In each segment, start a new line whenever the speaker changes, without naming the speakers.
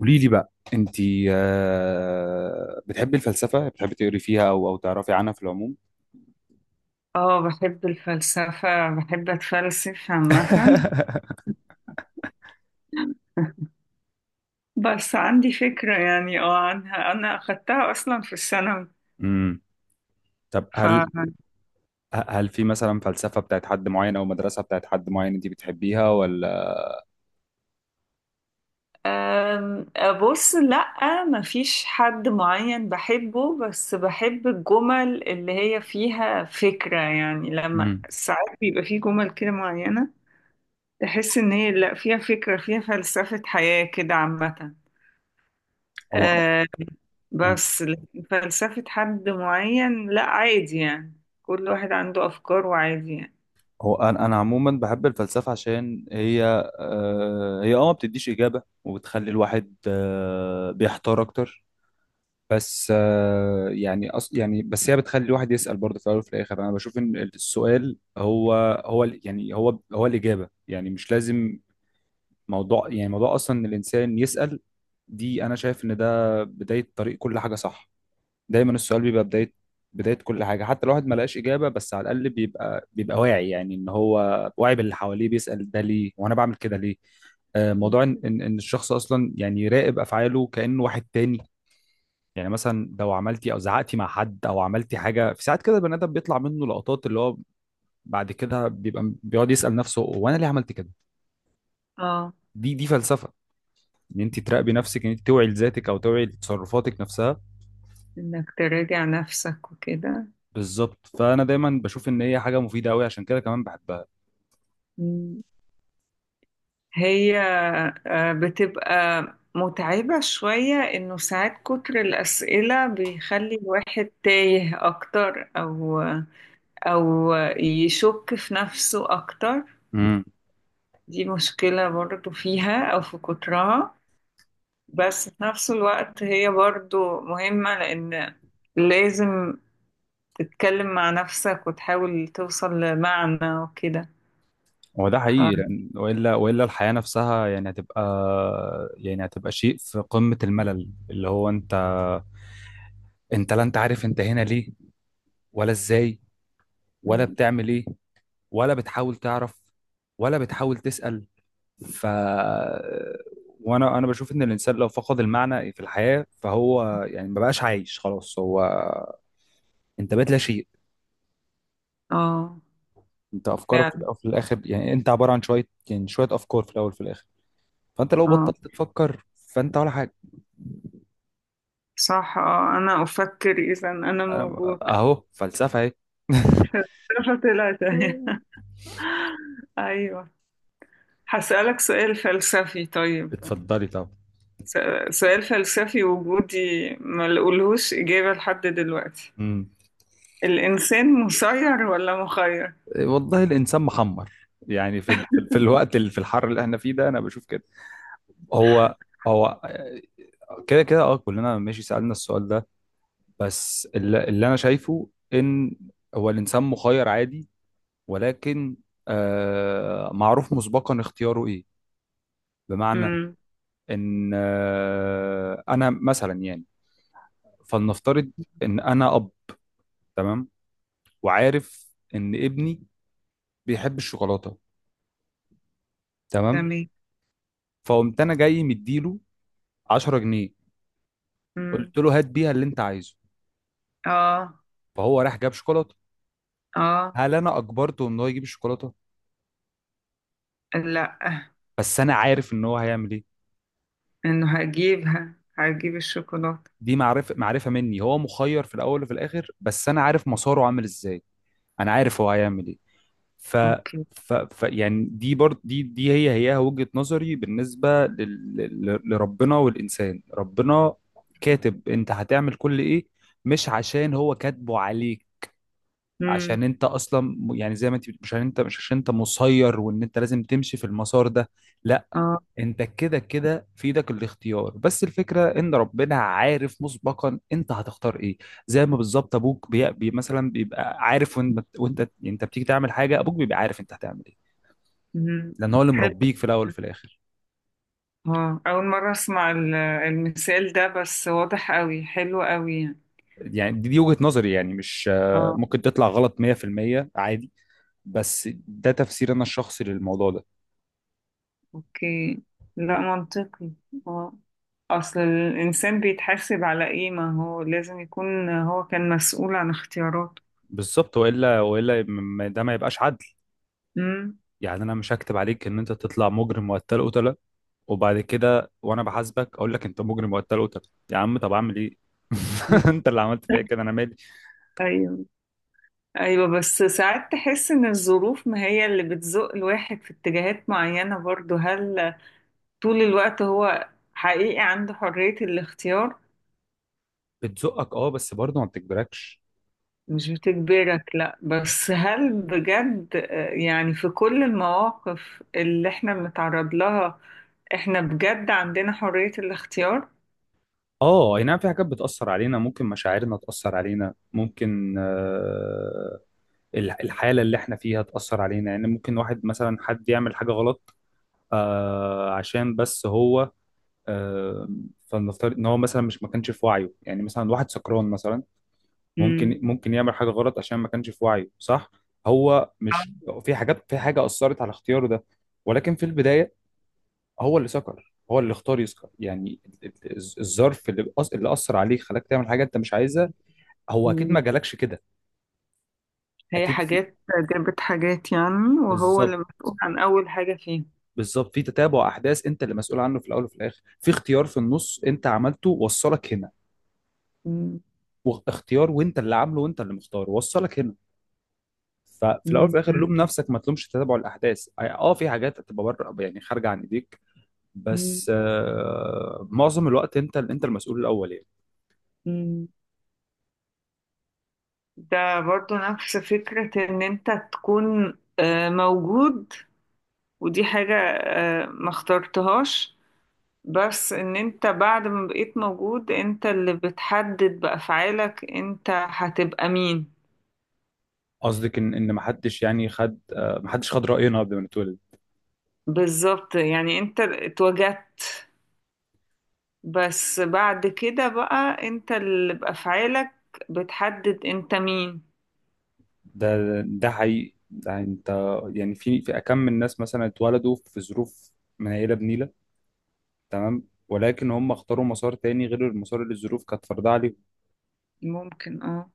قولي لي بقى انت، بتحبي الفلسفه؟ بتحبي تقري فيها او تعرفي عنها في العموم؟
اه، بحب الفلسفة، بحب اتفلسف عامة. بس عندي فكرة يعني عنها، انا اخدتها اصلا في الثانوي.
امم طب
ف
هل في مثلا فلسفه بتاعت حد معين او مدرسه بتاعت حد معين انت بتحبيها ولا؟
أم، بص، لأ مفيش حد معين بحبه، بس بحب الجمل اللي هي فيها فكرة. يعني لما
امم
ساعات بيبقى فيه جمل كده معينة تحس ان هي لأ فيها فكرة، فيها فلسفة حياة كده عامة.
هو مم.
بس لكن فلسفة حد معين لا، عادي يعني. كل واحد عنده أفكار وعادي يعني.
هو انا عموما بحب الفلسفه، عشان هي، هي ما بتديش اجابه وبتخلي الواحد بيحتار اكتر. بس يعني يعني بس هي بتخلي الواحد يسأل برضه، في الأول وفي الآخر أنا بشوف إن السؤال هو يعني هو الإجابة، يعني مش لازم موضوع أصلا إن الإنسان يسأل. دي أنا شايف إن ده بداية طريق كل حاجة، صح؟ دايما السؤال بيبقى بداية، بداية كل حاجة. حتى الواحد ما لقاش إجابة، بس على الأقل بيبقى واعي، يعني إن هو واعي باللي حواليه، بيسأل ده ليه وأنا بعمل كده ليه. موضوع إن الشخص أصلا يعني يراقب أفعاله كأنه واحد تاني. يعني مثلا لو عملتي او زعقتي مع حد او عملتي حاجه في ساعات كده، البني ادم بيطلع منه لقطات، اللي هو بعد كده بيبقى بيقعد يسال نفسه، هو انا ليه عملت كده؟
اه،
دي فلسفه، ان انت تراقبي نفسك، ان انت توعي لذاتك او توعي لتصرفاتك نفسها.
إنك تراجع نفسك وكده.
بالظبط، فانا دايما بشوف ان هي حاجه مفيده قوي، عشان كده كمان بحبها.
مم. هي بتبقى متعبة شوية، إنه ساعات كتر الأسئلة بيخلي الواحد تايه أكتر، أو يشك في نفسه أكتر.
امم،
دي مشكلة برضو فيها أو في كترها، بس في نفس الوقت هي برضو مهمة، لأن لازم تتكلم مع نفسك وتحاول توصل لمعنى وكده.
هو ده
ف...
حقيقي، لان والا الحياه نفسها يعني هتبقى، يعني هتبقى شيء في قمه الملل، اللي هو انت لا، انت عارف انت هنا ليه، ولا ازاي، ولا
مم.
بتعمل ايه، ولا بتحاول تعرف، ولا بتحاول تسأل. ف وانا انا بشوف ان الانسان لو فقد المعنى في الحياة فهو يعني ما بقاش عايش خلاص، هو انت بقيت لا شيء.
اه،
انت افكارك في
فعلا.
الأول وفي الاخر، يعني انت عبارة عن شوية، يعني شوية افكار في الاول وفي الاخر. فانت لو
اه،
بطلت تفكر فانت ولا حاجة.
صح. اه، أنا أفكر إذا أنا
أنا
موجود.
اهو فلسفة اهي.
ثلاثة ثلاثة. أيوة. هسألك سؤال فلسفي طيب.
اتفضلي طب.
س- سؤال فلسفي وجودي ما لقولهوش إجابة لحد دلوقتي.
مم.
الإنسان مسير ولا مخير؟
والله الانسان محمر، يعني في ال... في الوقت اللي في الحر اللي احنا فيه ده انا بشوف كده. هو هو كده كده اه، كلنا ماشي سألنا السؤال ده. بس اللي انا شايفه ان هو الانسان مخير عادي، ولكن معروف مسبقا اختياره ايه. بمعنى
امم.
ان انا مثلا يعني، فلنفترض ان انا اب، تمام، وعارف ان ابني بيحب الشوكولاتة، تمام.
تمام.
فقمت انا جاي مديله 10 جنيه،
مم.
قلت له هات بيها اللي انت عايزه،
اه.
فهو راح جاب شوكولاتة.
اه.
هل انا اجبرته ان هو يجيب الشوكولاتة؟
لا.
بس انا عارف ان هو هيعمل ايه.
انه هجيب الشوكولاتة.
دي معرفه مني، هو مخير في الاول وفي الاخر بس انا عارف مساره عامل ازاي، انا عارف هو هيعمل ايه. ف
اوكي.
ف, ف يعني دي برضه دي هي وجهة نظري بالنسبه لربنا والانسان. ربنا كاتب انت هتعمل كل ايه، مش عشان هو كاتبه عليك،
امم.
عشان انت اصلا يعني زي ما انت مش عشان انت مسير وان انت لازم تمشي في المسار ده، لا.
اه.
انت كده كده في ايدك الاختيار، بس الفكره ان ربنا عارف مسبقا انت هتختار ايه. زي ما بالظبط ابوك بي... بي مثلا بيبقى عارف، وانت انت بتيجي تعمل حاجه ابوك بيبقى عارف انت هتعمل ايه،
امم.
لان هو اللي
حلو.
مربيك في الاول وفي الاخر.
اه، اول مرة اسمع المثال ده، بس واضح قوي، حلو قوي يعني.
يعني دي وجهه نظري، يعني مش
اه.
ممكن تطلع غلط 100%، عادي، بس ده تفسير انا الشخصي للموضوع ده.
اوكي. لا، منطقي. اه، اصل الانسان بيتحاسب على ايه؟ ما هو لازم يكون هو كان مسؤول عن اختياراته.
بالظبط، ده ما يبقاش عدل.
امم.
يعني انا مش هكتب عليك ان انت تطلع مجرم وقتل قتله وبعد كده وانا بحاسبك اقول لك انت مجرم وقتل قتل، يا عم طب اعمل ايه؟ انت اللي عملت فيا كده، انا مالي.
أيوة. ايوه، بس ساعات تحس ان الظروف ما هي اللي بتزق الواحد في اتجاهات معينة برضو. هل طول الوقت هو حقيقي عنده حرية الاختيار؟
بتزقك اه، بس برضه ما بتجبركش.
مش بتجبرك لا، بس هل بجد يعني في كل المواقف اللي احنا بنتعرض لها احنا بجد عندنا حرية الاختيار؟
اه اي نعم، في حاجات بتأثر علينا، ممكن مشاعرنا تأثر علينا، ممكن الحالة اللي احنا فيها تأثر علينا. يعني ممكن واحد مثلا حد يعمل حاجة غلط، عشان بس هو، آه فلنفترض ان هو مثلا مش ما كانش في وعيه، يعني مثلا واحد سكران مثلا،
مم.
ممكن يعمل حاجه غلط عشان ما كانش في وعيه، صح. هو مش في حاجات، في حاجه اثرت على اختياره ده، ولكن في البدايه هو اللي سكر، هو اللي اختار يسكر. يعني الظرف اللي اللي اثر عليك خلاك تعمل حاجه انت مش عايزها، هو اكيد ما
مم.
جالكش كده.
هي
اكيد في.
حاجات جابت حاجات يعني، وهو اللي
بالظبط،
مسؤول عن اول حاجة فيها.
بالظبط، في تتابع احداث انت اللي مسؤول عنه في الاول وفي الاخر، في اختيار في النص انت عملته وصلك هنا،
مم.
واختيار وانت اللي عامله وانت اللي مختاره وصلك هنا. ففي الاول وفي
مم.
الاخر لوم نفسك، ما تلومش تتابع الاحداث. اه، في حاجات هتبقى بره، يعني خارجه عن ايديك،
مم.
بس معظم الوقت انت انت المسؤول الاول يعني.
مم. ده برضو نفس فكرة ان انت تكون موجود، ودي حاجة ما اخترتهاش، بس ان انت بعد ما بقيت موجود انت اللي بتحدد بأفعالك انت هتبقى مين.
قصدك ان ما حدش يعني خد ما حدش خد راينا قبل ما نتولد.
بالظبط، يعني انت اتوجدت، بس بعد كده بقى انت اللي بأفعالك بتحدد انت مين.
ده حقيقي، ده انت يعني في اكم من الناس مثلا اتولدوا في ظروف منيله بنيله، تمام، ولكن هم اختاروا مسار تاني غير المسار اللي الظروف كانت فرضاه عليهم،
ممكن، اه.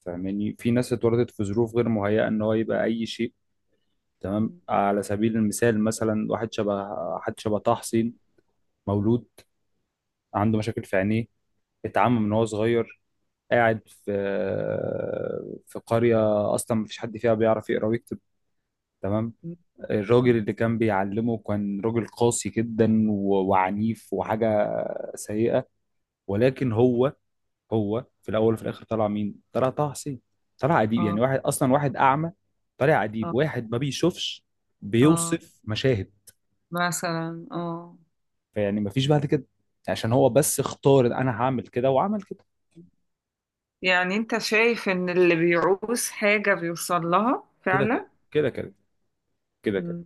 فاهماني؟ في ناس اتولدت في ظروف غير مهيئه ان هو يبقى اي شيء، تمام. على سبيل المثال، مثلا واحد شبه حد شبه طه حسين، مولود عنده مشاكل في عينيه، اتعمى من وهو صغير، قاعد في في قرية أصلا مفيش حد فيها بيعرف يقرأ ويكتب، تمام. الراجل اللي كان بيعلمه كان راجل قاسي جدا وعنيف وحاجة سيئة، ولكن هو في الأول وفي الآخر طلع مين؟ طلع طه حسين، طلع أديب. يعني
اه.
واحد أعمى طلع أديب،
اه.
واحد ما بيشوفش
اه،
بيوصف مشاهد.
مثلا. اه،
فيعني مفيش بعد كده، عشان هو بس اختار إن انا هعمل كده وعمل كده.
يعني انت شايف ان اللي بيعوز حاجة بيوصل لها
كده
فعلا؟
كده، كده كده، كده كده.
مم.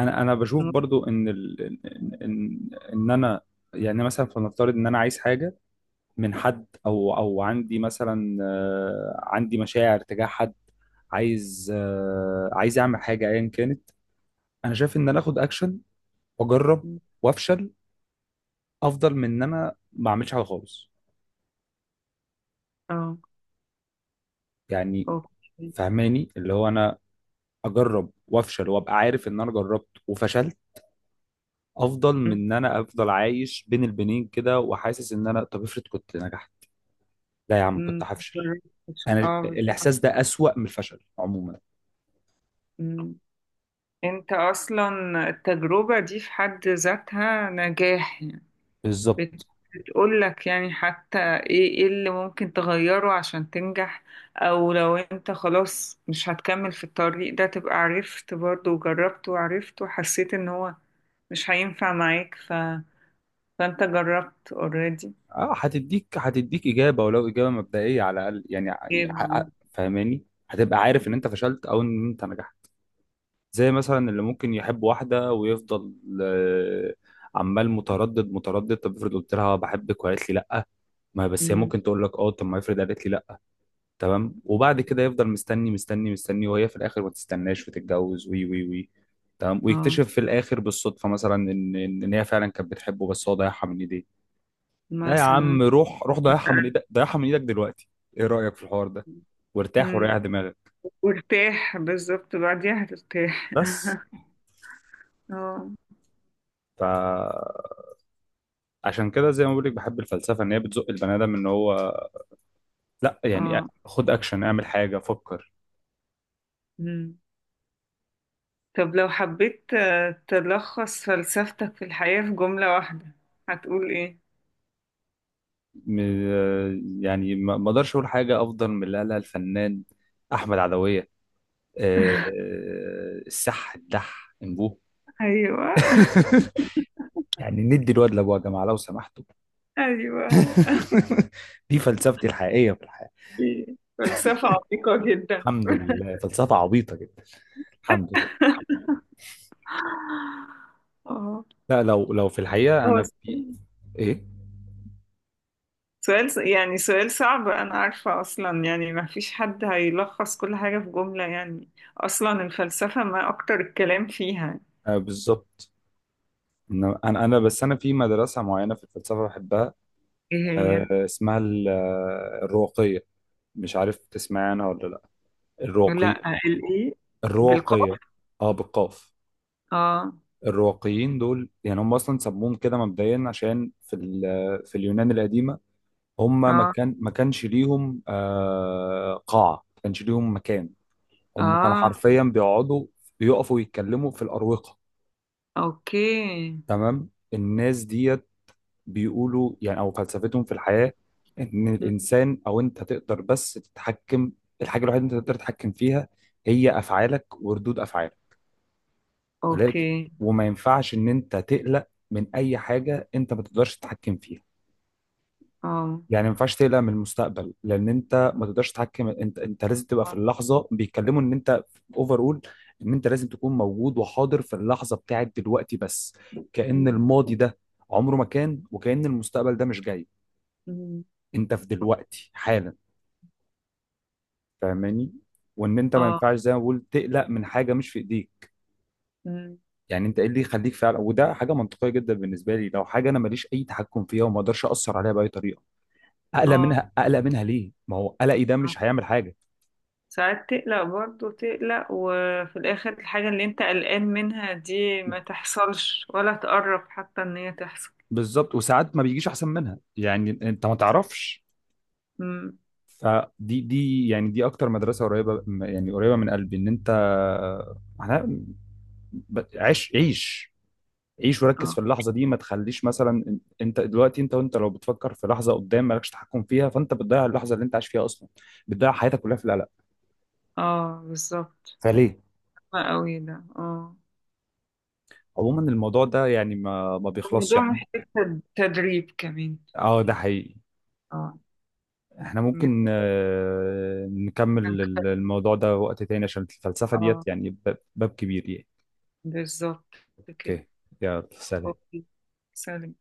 انا بشوف برضو ان ال... ان ان إن انا يعني مثلا فلنفترض ان انا عايز حاجه من حد او او عندي مثلا، عندي مشاعر تجاه حد، عايز، عايز اعمل حاجه ايا كانت. انا شايف ان انا اخد اكشن، واجرب
مم.
وافشل، افضل من ان انا ما اعملش حاجه خالص،
اه،
يعني
اوكي.
فهماني؟ اللي هو انا اجرب وافشل وابقى عارف ان انا جربت وفشلت، افضل من
مم.
ان انا افضل عايش بين البنين كده وحاسس ان انا طب افرض كنت نجحت. لا يا عم كنت
مم.
هفشل، انا
اه، بالظبط.
الاحساس ده اسوأ من الفشل عموما.
مم. انت اصلا التجربة دي في حد ذاتها نجاح يعني. بت-
بالظبط.
بتقول لك يعني حتى ايه اللي ممكن تغيره عشان تنجح، او لو انت خلاص مش هتكمل في الطريق ده تبقى عرفت برضه، وجربت وعرفت وحسيت ان هو مش هينفع معاك، فانت جربت اوريدي.
اه، هتديك اجابه، ولو اجابه مبدئيه على الاقل يعني،
ايه بقى.
فاهماني؟ هتبقى عارف ان انت فشلت او ان انت نجحت. زي مثلا اللي ممكن يحب واحده ويفضل، آه، عمال متردد متردد، طب افرض قلت لها بحبك وقالت لي لا، ما بس هي
مم.
ممكن تقول لك اه، طب ما افرض قالت لي لا، تمام. وبعد كده يفضل مستني مستني مستني وهي في الاخر ما تستناش وتتجوز، وي وي وي، تمام.
اه.
ويكتشف في الاخر بالصدفه مثلا ان ان إن هي فعلا كانت بتحبه، بس هو ضيعها من ايديه. لا يا
مثلا.
عم، روح روح ضيعها من ايدك، ضيعها من ايدك دلوقتي، ايه رايك في الحوار ده؟ وارتاح
مم.
وريح دماغك،
وارتاح، بالظبط، بعديها هترتاح.
بس.
اه.
فعشان كده زي ما بقول لك بحب الفلسفه، ان هي بتزق البني ادم ان هو، لا يعني
اه.
خد اكشن، اعمل حاجه، فكر.
مم. طب لو حبيت تلخص فلسفتك في الحياة في جملة واحدة، هتقول ايه؟
يعني ما اقدرش اقول حاجه افضل من اللي قالها الفنان احمد عدويه، السح الدح انبوه.
ايوه.
يعني ندي الواد لابوه يا جماعه لو سمحتوا.
ايوه.
دي فلسفتي الحقيقيه في الحياه.
إيه. فلسفة عميقة جدا.
الحمد لله، فلسفه عبيطه جدا، الحمد لله.
اه.
لا لو لو في الحقيقه
هو
انا في ايه،
سؤال يعني سؤال صعب، أنا عارفة أصلا يعني ما فيش حد هيلخص كل حاجة في جملة يعني. أصلا الفلسفة ما أكتر الكلام فيها.
بالظبط. إنما انا بس انا في مدرسه معينه في الفلسفه بحبها.
إيه هي؟
اسمها الرواقيه، مش عارف تسمعي عنها ولا لا؟ الرواقي
لا، الإيه؟
الرواقيه.
بالقاف؟
اه بالقاف.
آه.
الرواقيين دول يعني هم اصلا سموهم كده مبدئيا عشان في في اليونان القديمه هم
آه.
ما كانش ليهم قاعه، ما كانش ليهم مكان. هم كانوا
آه.
حرفيا بيقفوا يتكلموا في الاروقه،
أوكي.
تمام. الناس ديت بيقولوا يعني او فلسفتهم في الحياه، ان
مم.
الانسان او انت تقدر بس تتحكم، الحاجه الوحيده اللي انت تقدر تتحكم فيها هي افعالك وردود افعالك. ولكن،
أوكي.
وما ينفعش ان انت تقلق من اي حاجه انت ما تقدرش تتحكم فيها.
آه.
يعني ما ينفعش تقلق من المستقبل لان انت ما تقدرش تتحكم، انت لازم تبقى في
آه.
اللحظه. بيتكلموا ان انت اوفر اول، ان انت لازم تكون موجود وحاضر في اللحظه بتاعت دلوقتي بس، كأن
مم.
الماضي ده عمره ما كان وكأن المستقبل ده مش جاي.
مم.
انت في دلوقتي حالا، فاهماني؟ وان انت ما
آه.
ينفعش زي ما بقول تقلق من حاجه مش في ايديك.
مم.
يعني انت ايه اللي يخليك فعلا، وده حاجه منطقيه جدا بالنسبه لي، لو حاجه انا ماليش اي تحكم فيها وما اقدرش اثر عليها باي طريقه، اقلق
آه.
منها، اقلق منها ليه؟ ما هو قلقي ده
آه.
مش هيعمل حاجه.
ساعات تقلق برضه، تقلق وفي الآخر الحاجة اللي أنت قلقان منها دي ما تحصلش، ولا تقرب حتى إن هي تحصل.
بالظبط، وساعات ما بيجيش احسن منها، يعني انت ما تعرفش.
مم.
فدي يعني دي اكتر مدرسه قريبه، يعني قريبه من قلبي، ان انت، احنا، عيش عيش عيش وركز
اه.
في اللحظه دي، ما تخليش مثلا انت دلوقتي، انت وانت لو بتفكر في لحظه قدام مالكش تحكم فيها فانت بتضيع اللحظه اللي انت عايش فيها اصلا، بتضيع حياتك كلها في القلق،
اه، بالظبط.
فليه؟
صعب قوي ده، اه.
عموما الموضوع ده يعني ما بيخلصش،
الموضوع
احنا ممكن
محتاج تدريب كمان.
اه ده حقيقي،
اه.
احنا
إنك
ممكن
تكون-
نكمل الموضوع ده وقت تاني عشان الفلسفة
اه،
ديت يعني باب كبير يعني.
بالظبط. كده.
اوكي، يلا، سلام.
اوكي. سلام.